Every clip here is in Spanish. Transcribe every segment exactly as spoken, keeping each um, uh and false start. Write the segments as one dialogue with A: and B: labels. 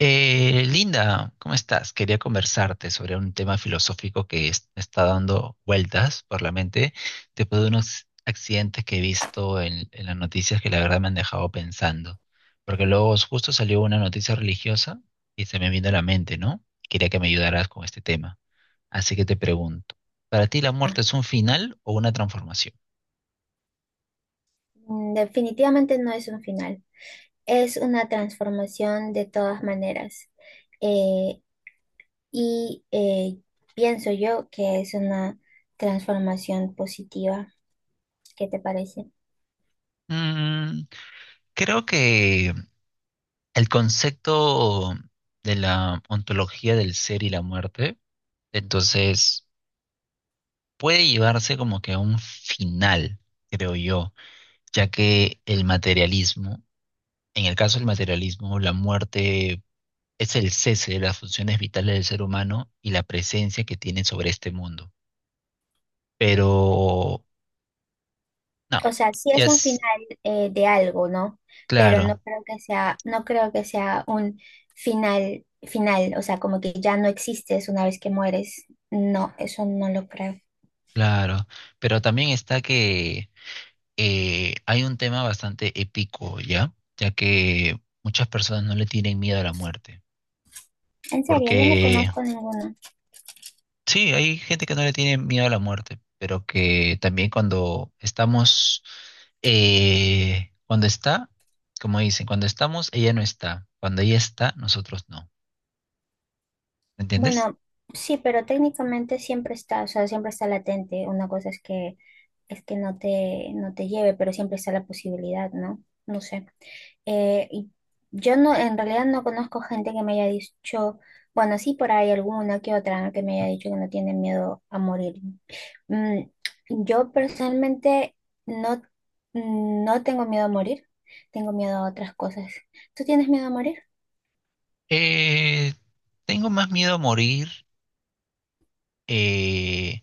A: Eh, Linda, ¿cómo estás? Quería conversarte sobre un tema filosófico que es- me está dando vueltas por la mente después de unos accidentes que he visto en, en las noticias que la verdad me han dejado pensando. Porque luego justo salió una noticia religiosa y se me vino a la mente, ¿no? Quería que me ayudaras con este tema. Así que te pregunto, ¿para ti la muerte
B: Ah,
A: es un final o una transformación?
B: mm, definitivamente no es un final, es una transformación de todas maneras. Eh, y eh, Pienso yo que es una transformación positiva. ¿Qué te parece?
A: Mm, creo que el concepto de la ontología del ser y la muerte, entonces, puede llevarse como que a un final, creo yo, ya que el materialismo, en el caso del materialismo, la muerte es el cese de las funciones vitales del ser humano y la presencia que tiene sobre este mundo. Pero, no,
B: O sea, sí
A: ya
B: es un
A: es
B: final eh, de algo, ¿no? Pero no
A: claro,
B: creo que sea, no creo que sea un final final, o sea, como que ya no existes una vez que mueres. No, eso no lo creo.
A: claro, pero también está que eh, hay un tema bastante épico, ¿ya? Ya que muchas personas no le tienen miedo a la muerte.
B: En serio, yo no
A: Porque
B: conozco ninguno.
A: sí, hay gente que no le tiene miedo a la muerte, pero que también cuando estamos, eh, cuando está, como dicen, cuando estamos, ella no está. Cuando ella está, nosotros no. ¿Me entiendes?
B: Bueno, sí, pero técnicamente siempre está, o sea, siempre está latente. Una cosa es que es que no te, no te lleve, pero siempre está la posibilidad, ¿no? No sé. Eh, y yo no, en realidad no conozco gente que me haya dicho, bueno, sí por ahí alguna que otra, ¿no?, que me haya dicho que no tiene miedo a morir. Mm, yo personalmente no, no tengo miedo a morir, tengo miedo a otras cosas. ¿Tú tienes miedo a morir?
A: Eh, tengo más miedo a morir, eh,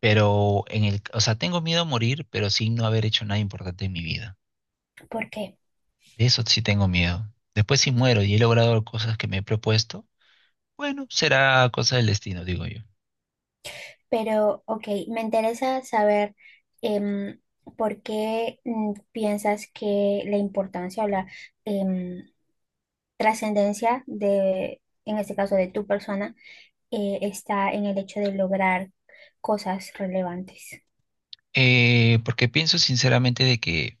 A: pero en el, o sea, tengo miedo a morir, pero sin no haber hecho nada importante en mi vida.
B: ¿Por qué?
A: De eso sí tengo miedo. Después si muero y he logrado cosas que me he propuesto, bueno, será cosa del destino, digo yo.
B: Pero, ok, me interesa saber em, por qué mm, piensas que la importancia o la em, trascendencia de, en este caso, de tu persona, eh, está en el hecho de lograr cosas relevantes.
A: Eh, porque pienso sinceramente de que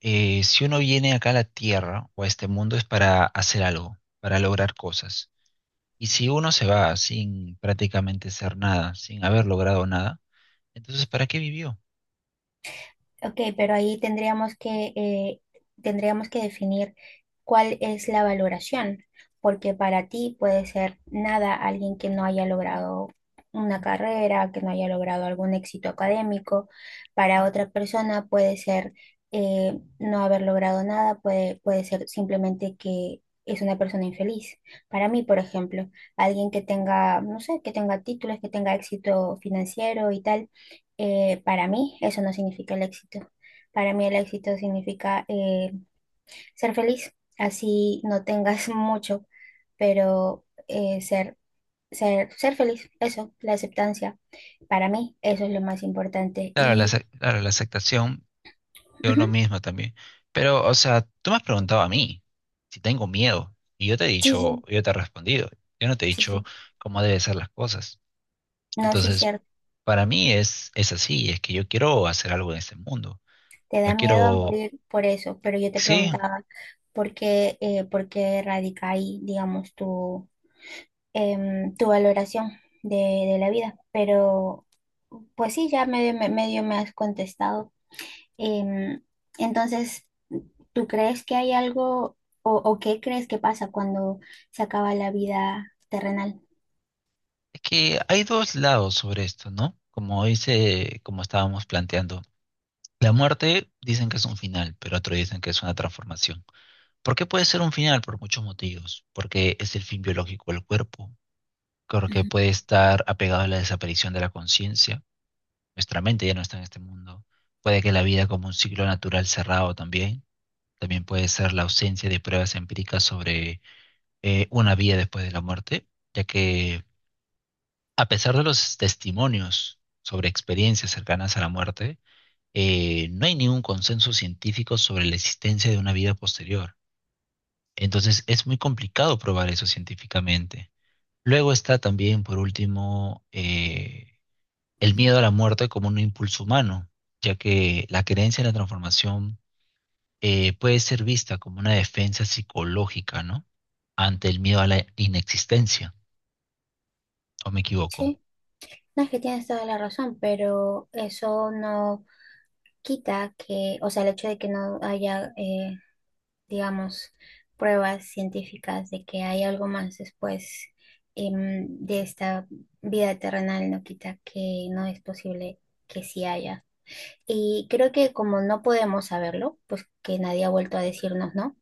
A: eh, si uno viene acá a la Tierra o a este mundo es para hacer algo, para lograr cosas. Y si uno se va sin prácticamente ser nada, sin haber logrado nada, entonces ¿para qué vivió?
B: Ok, pero ahí tendríamos que, eh, tendríamos que definir cuál es la valoración, porque para ti puede ser nada alguien que no haya logrado una carrera, que no haya logrado algún éxito académico, para otra persona puede ser eh, no haber logrado nada, puede, puede ser simplemente que es una persona infeliz. Para mí, por ejemplo, alguien que tenga, no sé, que tenga títulos, que tenga éxito financiero y tal, eh, para mí eso no significa el éxito. Para mí el éxito significa eh, ser feliz, así no tengas mucho, pero eh, ser, ser, ser feliz, eso, la aceptancia. Para mí eso es lo más importante.
A: Claro, la,
B: Y
A: ace- claro, la aceptación de uno
B: ujú,
A: mismo también. Pero, o sea, tú me has preguntado a mí si tengo miedo y yo te he
B: sí,
A: dicho,
B: sí.
A: yo te he respondido, yo no te he
B: Sí,
A: dicho
B: sí,
A: cómo deben ser las cosas.
B: no, sí es
A: Entonces,
B: cierto.
A: para mí es, es así, es que yo quiero hacer algo en este mundo.
B: Te
A: No
B: da miedo a
A: quiero,
B: morir por eso, pero yo te
A: sí,
B: preguntaba por qué, eh, por qué radica ahí, digamos, tu em, tu valoración de, de la vida. Pero, pues sí, ya medio, me- medio me has contestado. Em, entonces, ¿tú crees que hay algo o, o qué crees que pasa cuando se acaba la vida terrenal?
A: es que hay dos lados sobre esto, ¿no? Como dice, como estábamos planteando, la muerte dicen que es un final, pero otros dicen que es una transformación. ¿Por qué puede ser un final? Por muchos motivos. Porque es el fin biológico del cuerpo, creo que
B: Ujú.
A: puede estar apegado a la desaparición de la conciencia. Nuestra mente ya no está en este mundo. Puede que la vida como un ciclo natural cerrado también. También puede ser la ausencia de pruebas empíricas sobre eh, una vida después de la muerte, ya que a pesar de los testimonios sobre experiencias cercanas a la muerte, eh, no hay ningún consenso científico sobre la existencia de una vida posterior. Entonces es muy complicado probar eso científicamente. Luego está también, por último, eh, el miedo a la muerte como un impulso humano, ya que la creencia en la transformación eh, puede ser vista como una defensa psicológica, ¿no? Ante el miedo a la inexistencia, ¿o me equivoco?
B: Sí, no es que tienes toda la razón, pero eso no quita que, o sea, el hecho de que no haya eh, digamos, pruebas científicas de que hay algo más después em, de esta vida terrenal, no quita que no es posible que sí haya. Y creo que como no podemos saberlo, pues que nadie ha vuelto a decirnos, ¿no?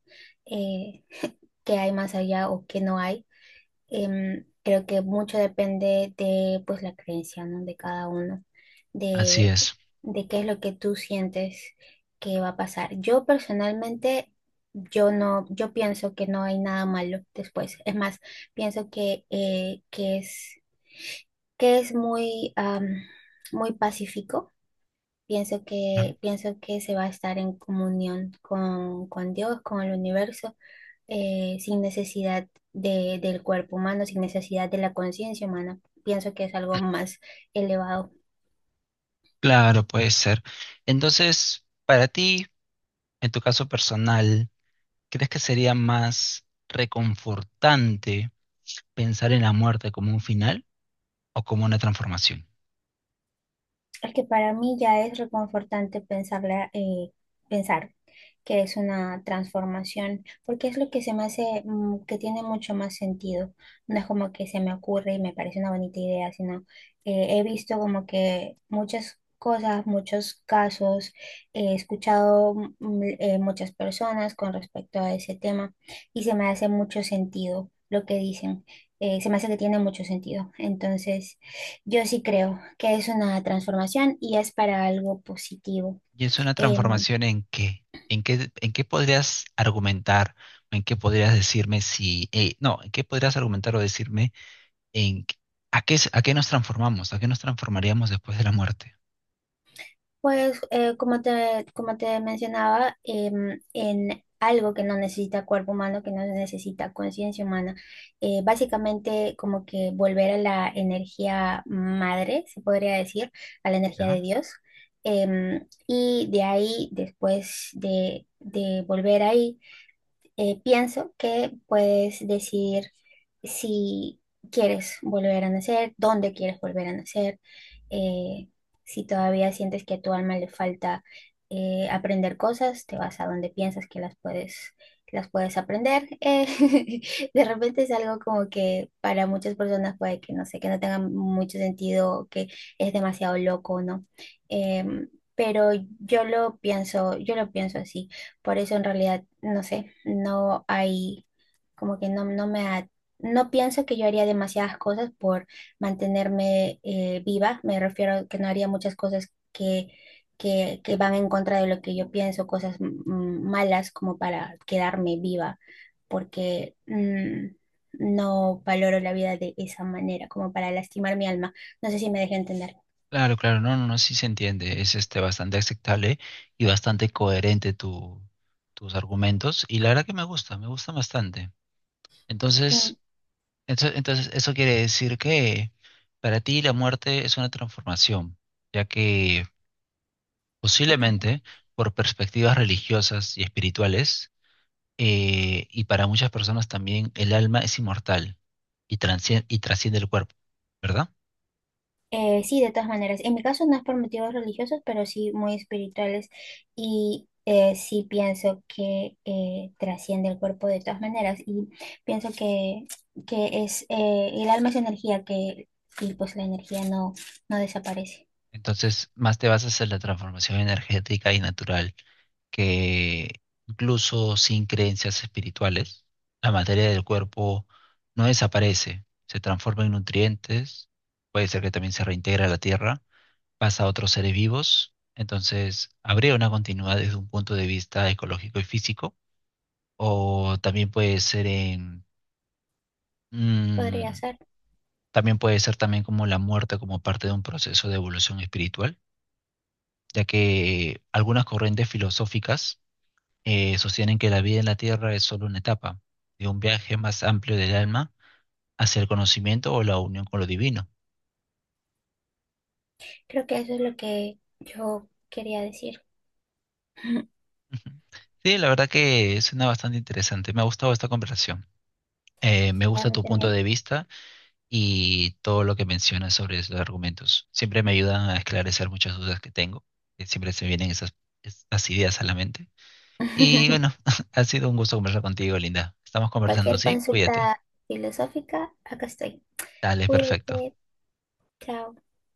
B: Eh, que hay más allá o que no hay. Em, creo que mucho depende de pues la creencia, ¿no? De cada uno,
A: Así
B: de,
A: es.
B: de qué es lo que tú sientes que va a pasar. Yo personalmente, yo no, yo pienso que no hay nada malo después. Es más, pienso que, eh, que es, que es muy, am, muy pacífico. Pienso
A: Bien.
B: que, pienso que se va a estar en comunión con, con Dios, con el universo, eh, sin necesidad de, del cuerpo humano, sin necesidad de la conciencia humana. Pienso que es algo más elevado.
A: Claro, puede ser. Entonces, para ti, en tu caso personal, ¿crees que sería más reconfortante pensar en la muerte como un final o como una transformación?
B: Es que para mí ya es reconfortante pensarla, eh, pensar que es una transformación, porque es lo que se me hace mm, que tiene mucho más sentido. No es como que se me ocurre y me parece una bonita idea, sino eh, he visto como que muchas cosas, muchos casos, he escuchado mm, mm, eh, muchas personas con respecto a ese tema y se me hace mucho sentido lo que dicen. Eh, se me hace que tiene mucho sentido. Entonces... yo sí creo que es una transformación y es para algo positivo.
A: ¿Y es una
B: Em,
A: transformación en qué? ¿En qué, en qué podrías argumentar? ¿En qué podrías decirme si... eh, no, ¿en qué podrías argumentar o decirme en qué- a qué, es- a qué nos transformamos? ¿A qué nos transformaríamos después de la muerte?
B: pues eh, como te, como te mencionaba, em, en algo que no necesita cuerpo humano, que no necesita conciencia humana, eh, básicamente como que volver a la energía madre, se podría decir, a la energía de
A: ¿Ya?
B: Dios. Em, y de ahí, después de, de volver ahí, eh, pienso que puedes decidir si quieres volver a nacer, dónde quieres volver a nacer, eh, si todavía sientes que a tu alma le falta eh, aprender cosas, te vas a donde piensas que las puedes, las puedes aprender. Eh, de repente es algo como que para muchas personas puede que no sé, que no tenga mucho sentido, que es demasiado loco, ¿no? Em, pero yo lo pienso, yo lo pienso así. Por eso en realidad, no sé, no hay, como que no, no me ha- no pienso que yo haría demasiadas cosas por mantenerme eh, viva. Me refiero a que no haría muchas cosas que, que, que van en contra de lo que yo pienso, cosas mm, malas como para quedarme viva, porque mm, no valoro la vida de esa manera, como para lastimar mi alma. No sé si me dejé entender.
A: Claro, claro, no, no, no, sí se entiende. Es este, bastante aceptable y bastante coherente tu, tus argumentos. Y la verdad que me gusta, me gusta bastante.
B: Mm,
A: Entonces, entonces, entonces, eso quiere decir que para ti la muerte es una transformación, ya que
B: ya está.
A: posiblemente por perspectivas religiosas y espirituales, eh, y para muchas personas también el alma es inmortal y transciende, y trasciende el cuerpo, ¿verdad?
B: Eh, sí, de todas maneras. En mi caso no es por motivos religiosos, pero sí muy espirituales. Y eh, sí pienso que eh, trasciende el cuerpo de todas maneras. Y pienso que, que es eh, el alma es energía que, y pues la energía no, no desaparece.
A: Entonces, más te vas a hacer la transformación energética y natural, que incluso sin creencias espirituales, la materia del cuerpo no desaparece, se transforma en nutrientes, puede ser que también se reintegra a la tierra pasa a otros seres vivos. Entonces, habría una continuidad desde un punto de vista ecológico y físico, o también puede ser en,
B: Podría
A: mm,
B: ser.
A: también puede ser también como la muerte como parte de un proceso de evolución espiritual, ya que algunas corrientes filosóficas eh, sostienen que la vida en la Tierra es solo una etapa de un viaje más amplio del alma hacia el conocimiento o la unión con lo divino.
B: Creo que eso es lo que yo quería decir.
A: Ujú. Sí, la verdad que suena bastante interesante. Me ha gustado esta conversación. Eh, me
B: Sí, a
A: gusta
B: mí
A: tu punto
B: también.
A: de vista y todo lo que mencionas sobre esos argumentos. Siempre me ayudan a esclarecer muchas dudas que tengo, que siempre se vienen esas, estas ideas a la mente. Y bueno, ha sido un gusto conversar contigo, Linda. Estamos conversando,
B: Cualquier
A: ¿sí? Cuídate.
B: consulta filosófica, acá estoy.
A: Dale, perfecto.
B: Cuídate. Chao.